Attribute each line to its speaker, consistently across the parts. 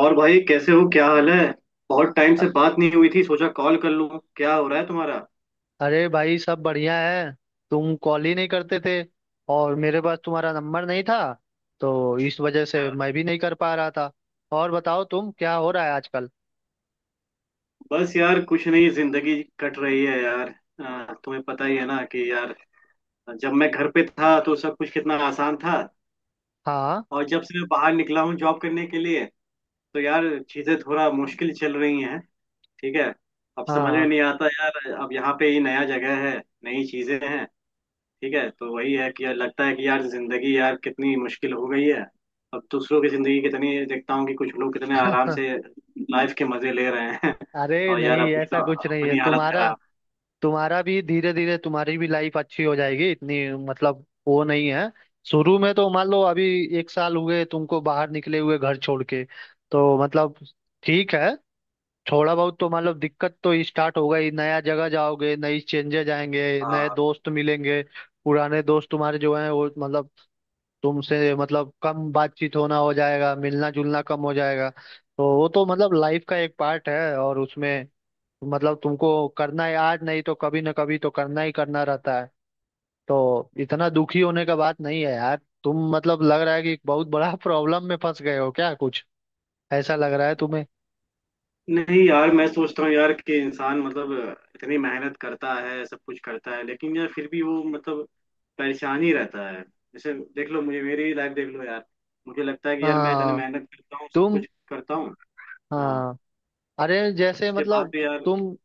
Speaker 1: और भाई कैसे हो? क्या हाल है? बहुत टाइम
Speaker 2: अ-
Speaker 1: से बात नहीं हुई थी, सोचा कॉल कर लूं। क्या हो रहा है तुम्हारा?
Speaker 2: अरे भाई सब बढ़िया है। तुम कॉल ही नहीं करते थे और मेरे पास तुम्हारा नंबर नहीं था तो इस वजह
Speaker 1: अच्छा।
Speaker 2: से मैं भी नहीं कर पा रहा था। और बताओ तुम क्या हो रहा है आजकल।
Speaker 1: बस यार कुछ नहीं, जिंदगी कट रही है यार। तुम्हें पता ही है ना कि यार जब मैं घर पे था तो सब कुछ कितना आसान था।
Speaker 2: हाँ।
Speaker 1: और जब से मैं बाहर निकला हूँ जॉब करने के लिए, तो यार चीजें थोड़ा मुश्किल चल रही हैं। ठीक है। अब समझ में
Speaker 2: हाँ।
Speaker 1: नहीं आता यार, अब यहाँ पे ही नया जगह है, नई चीजें हैं। ठीक है, तो वही है कि यार लगता है कि यार जिंदगी यार कितनी मुश्किल हो गई है। अब दूसरों की जिंदगी कितनी देखता हूँ कि कुछ लोग कितने आराम से लाइफ के मजे ले रहे हैं
Speaker 2: अरे
Speaker 1: और यार
Speaker 2: नहीं
Speaker 1: अपनी
Speaker 2: ऐसा
Speaker 1: तो
Speaker 2: कुछ नहीं है
Speaker 1: अपनी हालत
Speaker 2: तुम्हारा।
Speaker 1: खराब।
Speaker 2: तुम्हारा भी धीरे धीरे तुम्हारी भी लाइफ अच्छी हो जाएगी इतनी। मतलब वो नहीं है। शुरू में तो मान लो अभी एक साल हुए तुमको बाहर निकले हुए घर छोड़ के, तो मतलब ठीक है। थोड़ा बहुत तो मतलब दिक्कत तो स्टार्ट होगा ही, नया जगह जाओगे, नई चेंजेज आएंगे, नए
Speaker 1: हाँ।
Speaker 2: दोस्त मिलेंगे। पुराने दोस्त तुम्हारे जो हैं वो मतलब तुमसे मतलब कम बातचीत होना हो जाएगा, मिलना जुलना कम हो जाएगा, तो वो तो मतलब लाइफ का एक पार्ट है। और उसमें मतलब तुमको करना है, आज नहीं तो कभी ना कभी तो करना ही करना रहता है। तो इतना दुखी होने का बात नहीं है यार। तुम मतलब लग रहा है कि एक बहुत बड़ा प्रॉब्लम में फंस गए हो क्या कुछ, ऐसा लग रहा है तुम्हें?
Speaker 1: नहीं यार, मैं सोचता हूँ यार कि इंसान मतलब इतनी मेहनत करता है, सब कुछ करता है, लेकिन यार फिर भी वो मतलब परेशान ही रहता है। जैसे देख लो मुझे, मेरी लाइफ देख लो यार। मुझे लगता है कि यार मैं इतनी
Speaker 2: हाँ।
Speaker 1: मेहनत करता हूँ, सब
Speaker 2: तुम
Speaker 1: कुछ करता हूँ। हाँ।
Speaker 2: हाँ। अरे जैसे
Speaker 1: उसके बाद
Speaker 2: मतलब
Speaker 1: भी यार।
Speaker 2: तुम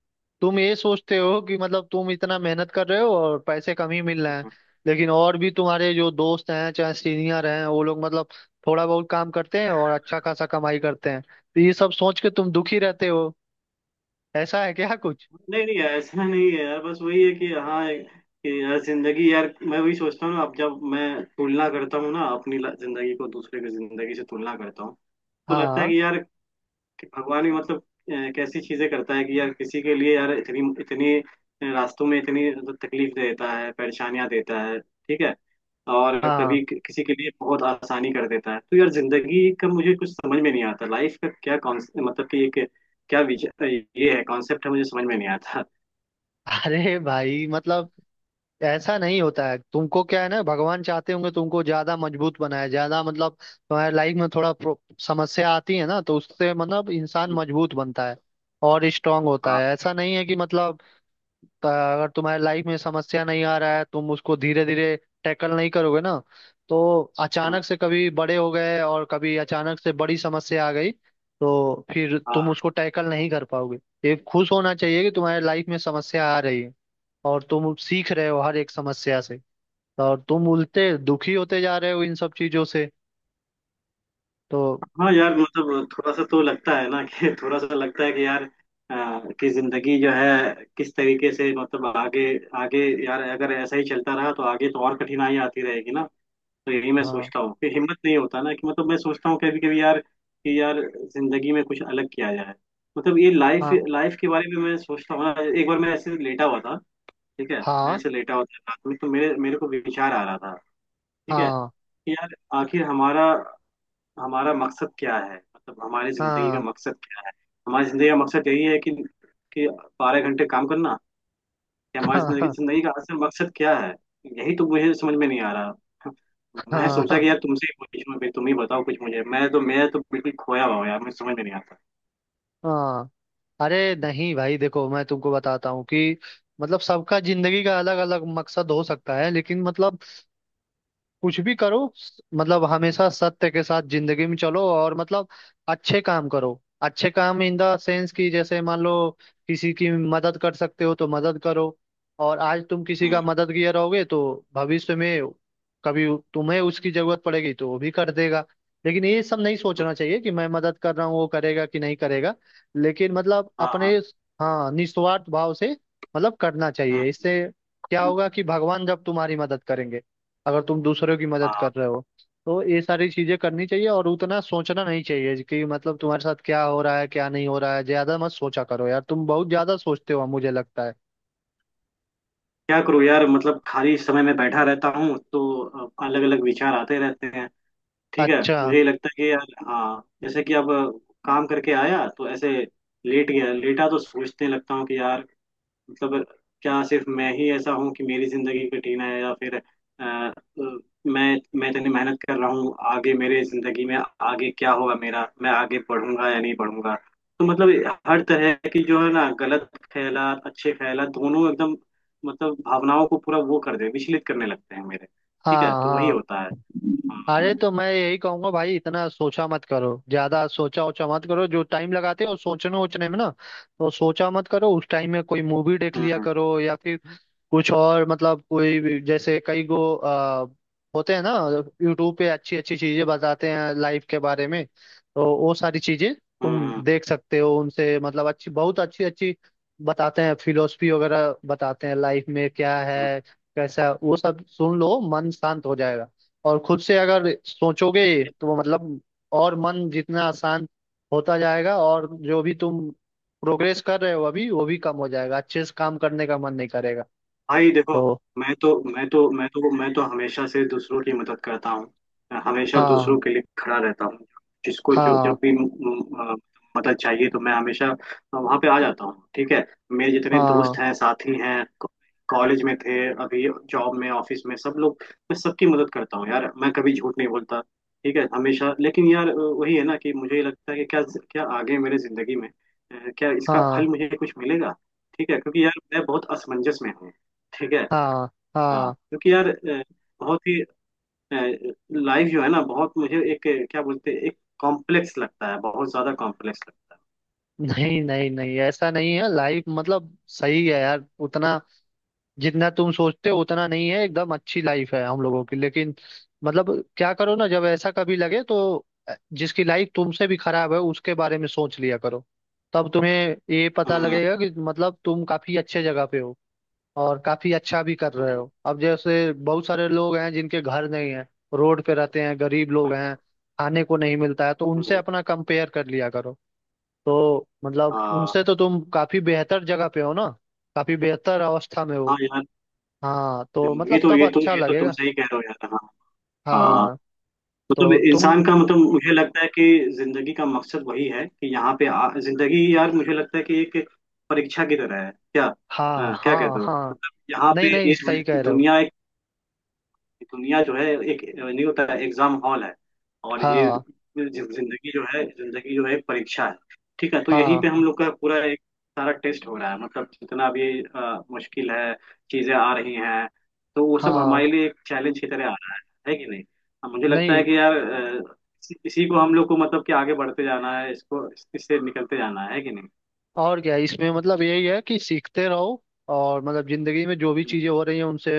Speaker 2: तुम ये सोचते हो कि मतलब तुम इतना मेहनत कर रहे हो और पैसे कम ही मिल रहे हैं।
Speaker 1: हाँ।
Speaker 2: लेकिन और भी तुम्हारे जो दोस्त हैं चाहे सीनियर हैं वो लोग मतलब थोड़ा बहुत काम करते हैं और अच्छा खासा कमाई करते हैं, तो ये सब सोच के तुम दुखी रहते हो, ऐसा है क्या कुछ?
Speaker 1: नहीं नहीं, ऐसा नहीं है यार, बस वही है कि हाँ कि यार जिंदगी यार, मैं वही सोचता हूँ ना, अब जब मैं तुलना करता हूँ ना, अपनी जिंदगी को दूसरे की जिंदगी से तुलना करता हूँ तो लगता है
Speaker 2: हाँ।
Speaker 1: कि यार कि भगवान भी मतलब कैसी चीजें करता है कि यार किसी के लिए यार इतनी इतनी रास्तों में इतनी मतलब तकलीफ देता है, परेशानियां देता है। ठीक है। और
Speaker 2: हाँ।
Speaker 1: कभी किसी के लिए बहुत आसानी कर देता है। तो यार जिंदगी का मुझे कुछ समझ में नहीं आता, लाइफ का क्या कॉन्स मतलब कि एक क्या विचार ये है, कॉन्सेप्ट है, मुझे समझ में नहीं आता।
Speaker 2: अरे भाई मतलब ऐसा नहीं होता है। तुमको क्या है ना, भगवान चाहते होंगे तुमको ज्यादा मजबूत बनाए, ज्यादा मतलब तुम्हारे लाइफ में थोड़ा समस्या आती है ना तो उससे मतलब इंसान मजबूत बनता है और स्ट्रांग होता
Speaker 1: हाँ।
Speaker 2: है। ऐसा नहीं है कि मतलब अगर तुम्हारे लाइफ में समस्या नहीं आ रहा है, तुम उसको धीरे धीरे टैकल नहीं करोगे ना। तो
Speaker 1: हाँ।
Speaker 2: अचानक से कभी बड़े हो गए और कभी अचानक से बड़ी समस्या आ गई, तो फिर तुम
Speaker 1: हाँ।
Speaker 2: उसको टैकल नहीं कर पाओगे। ये खुश होना चाहिए कि तुम्हारे लाइफ में समस्या आ रही है और तुम सीख रहे हो हर एक समस्या से। और तुम उल्टे दुखी होते जा रहे हो इन सब चीजों से, तो।
Speaker 1: हाँ यार मतलब थोड़ा सा तो लगता है ना, कि थोड़ा सा लगता है कि यार कि जिंदगी जो है किस तरीके से मतलब आगे आगे, यार अगर ऐसा ही चलता रहा तो आगे तो और कठिनाई आती रहेगी ना। तो यही मैं
Speaker 2: हाँ।
Speaker 1: सोचता हूँ कि हिम्मत नहीं होता ना, कि मतलब मैं सोचता हूँ कभी कभी यार कि यार जिंदगी में कुछ अलग किया जाए। मतलब ये लाइफ
Speaker 2: हाँ।
Speaker 1: लाइफ के बारे में मैं सोचता हूँ ना। एक बार मैं ऐसे लेटा हुआ था। ठीक है। मैं
Speaker 2: हाँ।
Speaker 1: ऐसे लेटा हुआ था रात में, तो मेरे मेरे को विचार आ रहा था। ठीक है।
Speaker 2: हाँ।
Speaker 1: कि यार आखिर हमारा हमारा मकसद क्या है, मतलब हमारी जिंदगी का
Speaker 2: हाँ।
Speaker 1: मकसद क्या है। हमारी जिंदगी का मकसद यही है कि कि बारह घंटे काम करना? या हमारी जिंदगी
Speaker 2: हाँ।
Speaker 1: जिंदगी का असल मकसद क्या है? यही तो मुझे समझ में नहीं आ रहा। मैं
Speaker 2: हाँ।
Speaker 1: सोचा
Speaker 2: हाँ।
Speaker 1: कि यार तुमसे ही पूछूं भाई, तुम ही बताओ कुछ मुझे, मैं तो बिल्कुल खोया हुआ हूं यार, मुझे समझ में नहीं आता।
Speaker 2: हाँ। अरे नहीं भाई देखो, मैं तुमको बताता हूँ कि मतलब सबका जिंदगी का अलग अलग मकसद हो सकता है, लेकिन मतलब कुछ भी करो, मतलब हमेशा सत्य के साथ जिंदगी में चलो और मतलब अच्छे काम करो। अच्छे काम इन द सेंस कि जैसे मान लो किसी की मदद कर सकते हो तो मदद करो। और आज तुम किसी
Speaker 1: हम्म।
Speaker 2: का मददगार रहोगे तो भविष्य में कभी तुम्हें उसकी जरूरत पड़ेगी तो वो भी कर देगा। लेकिन ये सब नहीं
Speaker 1: हम्म।
Speaker 2: सोचना चाहिए कि मैं मदद कर रहा हूँ, वो करेगा कि नहीं करेगा। लेकिन मतलब
Speaker 1: हाँ हाँ।
Speaker 2: अपने, हाँ, निस्वार्थ भाव से मतलब करना
Speaker 1: हम्म।
Speaker 2: चाहिए। इससे क्या होगा कि भगवान जब तुम्हारी मदद करेंगे, अगर तुम दूसरों की मदद
Speaker 1: हाँ।
Speaker 2: कर रहे हो। तो ये सारी चीजें करनी चाहिए और उतना सोचना नहीं चाहिए कि मतलब तुम्हारे साथ क्या हो रहा है, क्या नहीं हो रहा है। ज्यादा मत सोचा करो यार, तुम बहुत ज्यादा सोचते हो मुझे लगता है।
Speaker 1: क्या करूँ यार, मतलब खाली समय में बैठा रहता हूँ तो अलग अलग विचार आते रहते हैं। ठीक है,
Speaker 2: अच्छा।
Speaker 1: मुझे ये लगता है कि यार, हाँ जैसे कि अब काम करके आया, तो ऐसे लेट गया, लेटा तो सोचने लगता हूँ कि यार मतलब क्या सिर्फ मैं ही ऐसा हूँ कि मेरी जिंदगी कठिन है? या फिर मैं इतनी मेहनत कर रहा हूँ, आगे मेरे जिंदगी में आगे क्या होगा मेरा, मैं आगे पढ़ूंगा या नहीं पढ़ूंगा। तो मतलब हर तरह की जो है ना, गलत ख्यालात, अच्छे ख्यालात, दोनों एकदम मतलब भावनाओं को पूरा वो कर दे, विचलित करने लगते हैं मेरे। ठीक
Speaker 2: हाँ।
Speaker 1: है, तो वही
Speaker 2: हाँ।
Speaker 1: होता है। हाँ।
Speaker 2: अरे तो मैं यही कहूंगा भाई, इतना सोचा मत करो, ज्यादा सोचा ओचा मत करो, जो टाइम लगाते हो सोचने ओचने में ना, तो सोचा मत करो। उस टाइम में कोई मूवी देख लिया
Speaker 1: हाँ।
Speaker 2: करो, या फिर कुछ और, मतलब जैसे कई गो होते हैं ना, यूट्यूब पे अच्छी अच्छी चीजें बताते हैं लाइफ के बारे में, तो वो सारी चीजें
Speaker 1: हम्म।
Speaker 2: तुम
Speaker 1: हम्म।
Speaker 2: देख सकते हो। उनसे मतलब अच्छी, बहुत अच्छी अच्छी बताते हैं, फिलोसफी वगैरह बताते हैं लाइफ में क्या
Speaker 1: हम्म।
Speaker 2: है,
Speaker 1: ये
Speaker 2: कैसा है, वो सब सुन लो, मन शांत हो जाएगा। और खुद से अगर सोचोगे तो वो मतलब, और मन जितना आसान होता जाएगा, और जो भी तुम प्रोग्रेस कर रहे हो अभी वो भी कम हो जाएगा, अच्छे से काम करने का मन नहीं करेगा,
Speaker 1: भाई देखो,
Speaker 2: तो।
Speaker 1: मैं तो हमेशा से दूसरों की मदद करता हूँ। मैं हमेशा
Speaker 2: हाँ।
Speaker 1: दूसरों के लिए खड़ा रहता हूँ। जिसको जो
Speaker 2: हाँ।
Speaker 1: जब भी मदद चाहिए तो मैं हमेशा वहाँ पे आ जाता हूँ। ठीक है। मेरे जितने
Speaker 2: हाँ।
Speaker 1: दोस्त हैं, साथी हैं, कॉलेज में थे, अभी जॉब में, ऑफिस में, सब लोग, मैं सबकी मदद करता हूँ यार। मैं कभी झूठ नहीं बोलता। ठीक है हमेशा। लेकिन यार वही है ना कि मुझे ये लगता है कि क्या क्या आगे मेरे जिंदगी में क्या इसका
Speaker 2: हाँ।
Speaker 1: फल मुझे कुछ मिलेगा? ठीक है, क्योंकि यार मैं बहुत असमंजस में हूँ। ठीक है।
Speaker 2: हाँ।
Speaker 1: हाँ
Speaker 2: हाँ।
Speaker 1: क्योंकि यार बहुत ही लाइफ जो है ना, बहुत मुझे एक क्या बोलते हैं, एक कॉम्प्लेक्स लगता है, बहुत ज्यादा कॉम्प्लेक्स लगता
Speaker 2: नहीं नहीं नहीं, ऐसा नहीं है। लाइफ मतलब सही है यार, उतना जितना तुम सोचते हो उतना नहीं है, एकदम अच्छी लाइफ है हम लोगों की। लेकिन मतलब क्या करो ना, जब ऐसा कभी लगे तो जिसकी लाइफ तुमसे भी खराब है उसके बारे में सोच लिया करो। तब तुम्हें ये
Speaker 1: है।
Speaker 2: पता
Speaker 1: हम्म।
Speaker 2: लगेगा कि मतलब तुम काफी अच्छे जगह पे हो और काफी अच्छा भी कर रहे
Speaker 1: हम्म।
Speaker 2: हो। अब जैसे बहुत सारे लोग हैं जिनके घर नहीं है, रोड पे रहते हैं, गरीब
Speaker 1: हम्म।
Speaker 2: लोग हैं, खाने को नहीं मिलता है, तो उनसे
Speaker 1: हम्म।
Speaker 2: अपना कंपेयर कर लिया करो। तो मतलब
Speaker 1: हाँ।
Speaker 2: उनसे तो तुम काफी बेहतर जगह पे हो ना, काफी बेहतर अवस्था में हो।
Speaker 1: हाँ यार,
Speaker 2: हाँ, तो
Speaker 1: ये
Speaker 2: मतलब
Speaker 1: तो
Speaker 2: तब
Speaker 1: ये तो
Speaker 2: अच्छा
Speaker 1: ये तो तुम
Speaker 2: लगेगा।
Speaker 1: सही कह रहे हो यार। हाँ। हाँ।
Speaker 2: हाँ।
Speaker 1: मतलब
Speaker 2: तो तुम
Speaker 1: इंसान का मतलब मुझे लगता है कि जिंदगी का मकसद वही है कि यहाँ पे जिंदगी यार मुझे लगता है कि एक परीक्षा की तरह है क्या?
Speaker 2: हाँ।
Speaker 1: हाँ, क्या
Speaker 2: हाँ।
Speaker 1: कहते हो?
Speaker 2: हाँ।
Speaker 1: मतलब यहाँ पे
Speaker 2: नहीं नहीं,
Speaker 1: ये
Speaker 2: सही कह रहे हो।
Speaker 1: दुनिया, दुनिया जो है एक, नहीं, होता है एग्जाम हॉल है, और ये
Speaker 2: हाँ।
Speaker 1: जिंदगी जो है एक परीक्षा है। ठीक है। तो यहीं पे हम
Speaker 2: हाँ।
Speaker 1: लोग का पूरा एक सारा टेस्ट हो रहा है, मतलब जितना भी मुश्किल है चीजें आ रही हैं तो वो सब
Speaker 2: हाँ।
Speaker 1: हमारे लिए एक चैलेंज की तरह आ रहा है। है कि नहीं? अब मुझे लगता है
Speaker 2: नहीं,
Speaker 1: कि यार इसी इसी को हम लोग को मतलब कि आगे बढ़ते जाना है, इसको, इससे निकलते जाना है। है कि नहीं?
Speaker 2: और क्या, इसमें मतलब यही है कि सीखते रहो, और मतलब जिंदगी में जो भी चीजें हो रही हैं उनसे,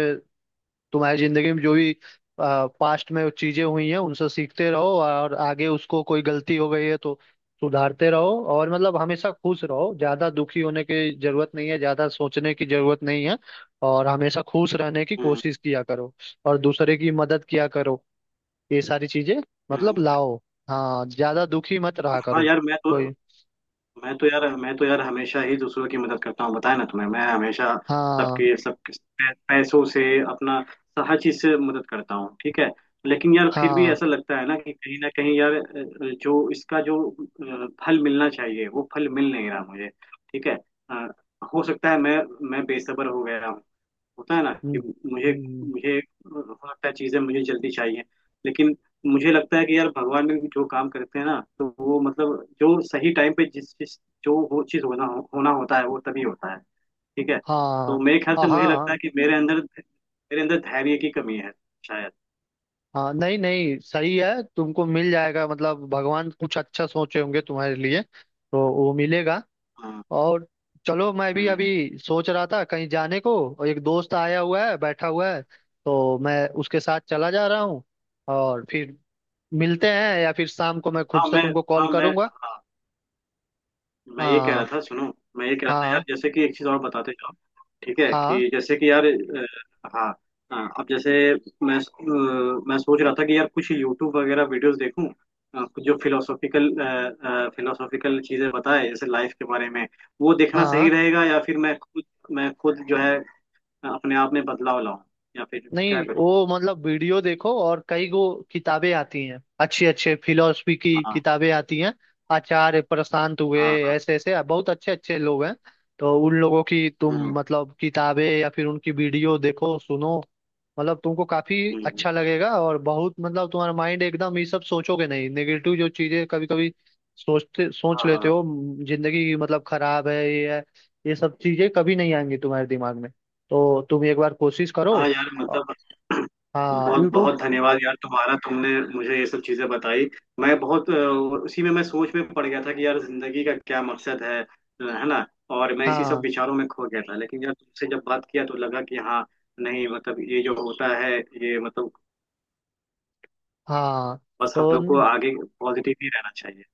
Speaker 2: तुम्हारी जिंदगी में जो भी पास्ट में चीजें हुई हैं उनसे सीखते रहो, और आगे उसको कोई गलती हो गई है तो सुधारते रहो। और मतलब हमेशा खुश रहो, ज्यादा दुखी होने की जरूरत नहीं है, ज्यादा सोचने की जरूरत नहीं है, और हमेशा खुश रहने की
Speaker 1: हम्म।
Speaker 2: कोशिश किया करो, और दूसरे की मदद किया करो, ये सारी चीजें मतलब
Speaker 1: हम्म।
Speaker 2: लाओ। हाँ, ज्यादा दुखी मत रहा
Speaker 1: हाँ
Speaker 2: करो।
Speaker 1: यार, मैं तो
Speaker 2: कोई
Speaker 1: मैं तो यार मैं तो यार हमेशा ही दूसरों की मदद करता हूँ। बताया ना तुम्हें, मैं हमेशा
Speaker 2: हाँ।
Speaker 1: सबके सब, पैसों से, अपना, हर चीज से मदद करता हूँ। ठीक है। लेकिन यार फिर भी
Speaker 2: हाँ।
Speaker 1: ऐसा लगता है ना कि कहीं ना कहीं यार जो इसका जो फल मिलना चाहिए वो फल मिल नहीं रहा मुझे। ठीक है। अ, हो सकता है मैं बेसब्र हो गया। होता है ना
Speaker 2: हम्म।
Speaker 1: कि मुझे
Speaker 2: हम्म।
Speaker 1: मुझे हो सकता है चीजें मुझे जल्दी चाहिए। लेकिन मुझे लगता है कि यार भगवान ने जो काम करते हैं ना, तो वो मतलब जो सही टाइम पे जिस चीज जो वो चीज होना होना होता है, वो तभी होता है। ठीक है।
Speaker 2: हाँ।
Speaker 1: तो मेरे ख्याल
Speaker 2: हाँ।
Speaker 1: से मुझे लगता
Speaker 2: हाँ।
Speaker 1: है कि मेरे अंदर धैर्य की कमी है शायद।
Speaker 2: हाँ। नहीं नहीं, सही है, तुमको मिल जाएगा, मतलब भगवान कुछ अच्छा सोचे होंगे तुम्हारे लिए तो वो मिलेगा।
Speaker 1: हाँ।
Speaker 2: और चलो, मैं भी
Speaker 1: हम्म।
Speaker 2: अभी सोच रहा था कहीं जाने को, और एक दोस्त आया हुआ है, बैठा हुआ है, तो मैं उसके साथ चला जा रहा हूँ, और फिर मिलते हैं, या फिर शाम को मैं खुद
Speaker 1: हाँ,
Speaker 2: से तुमको कॉल
Speaker 1: हाँ मैं
Speaker 2: करूँगा।
Speaker 1: हाँ मैं ये कह रहा
Speaker 2: हाँ।
Speaker 1: था, सुनो, मैं ये कह रहा था यार
Speaker 2: हाँ।
Speaker 1: जैसे कि एक चीज और बताते जाओ। ठीक है,
Speaker 2: हाँ।
Speaker 1: कि जैसे कि यार हाँ। हाँ, अब जैसे मैं अ, मैं सोच रहा था कि यार कुछ यूट्यूब वगैरह वीडियोस देखूं, जो फिलोसॉफिकल फिलोसॉफिकल चीजें बताए जैसे लाइफ के बारे में, वो देखना सही
Speaker 2: हाँ।
Speaker 1: रहेगा? या फिर मैं खुद जो है अपने आप में बदलाव लाऊं, या फिर क्या
Speaker 2: नहीं,
Speaker 1: करूं?
Speaker 2: वो मतलब वीडियो देखो, और कई गो किताबें आती हैं, अच्छे अच्छे फिलोसफी की
Speaker 1: हाँ।
Speaker 2: किताबें आती हैं। आचार्य प्रशांत हुए,
Speaker 1: हाँ। हाँ।
Speaker 2: ऐसे ऐसे बहुत अच्छे अच्छे लोग हैं, तो उन लोगों की तुम
Speaker 1: हम्म।
Speaker 2: मतलब किताबें या फिर उनकी वीडियो देखो सुनो। मतलब तुमको काफी
Speaker 1: हम्म।
Speaker 2: अच्छा लगेगा, और बहुत मतलब तुम्हारा माइंड एकदम ये सब सोचोगे नहीं, नेगेटिव जो चीजें कभी कभी सोचते सोच
Speaker 1: हाँ।
Speaker 2: लेते
Speaker 1: हाँ।
Speaker 2: हो, जिंदगी की मतलब खराब है, ये है, ये सब चीजें कभी नहीं आएंगी तुम्हारे दिमाग में। तो तुम एक बार कोशिश करो।
Speaker 1: हाँ यार मतलब
Speaker 2: हाँ,
Speaker 1: बहुत
Speaker 2: यूट्यूब।
Speaker 1: बहुत धन्यवाद यार तुम्हारा, तुमने मुझे ये सब चीजें बताई। मैं बहुत उसी में मैं सोच में पड़ गया था कि यार जिंदगी का क्या मकसद है ना। और मैं इसी सब
Speaker 2: हाँ।
Speaker 1: विचारों में खो गया था, लेकिन यार तुमसे जब बात किया तो लगा कि हाँ, नहीं मतलब ये जो होता है ये मतलब
Speaker 2: हाँ,
Speaker 1: बस हम
Speaker 2: तो
Speaker 1: लोग को आगे पॉजिटिव ही रहना चाहिए।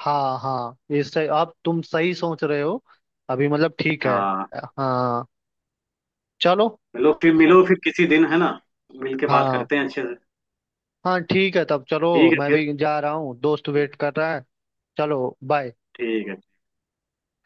Speaker 2: हाँ। हाँ, इससे आप तुम सही सोच रहे हो अभी, मतलब ठीक है।
Speaker 1: हाँ।
Speaker 2: हाँ, चलो।
Speaker 1: चलो फिर मिलो फिर किसी दिन है ना, मिल के बात
Speaker 2: हाँ।
Speaker 1: करते हैं अच्छे से।
Speaker 2: हाँ ठीक है, तब चलो।
Speaker 1: ठीक है
Speaker 2: मैं
Speaker 1: फिर।
Speaker 2: भी जा रहा हूँ, दोस्त
Speaker 1: ठीक।
Speaker 2: वेट कर रहा है। चलो बाय।
Speaker 1: ठीक है।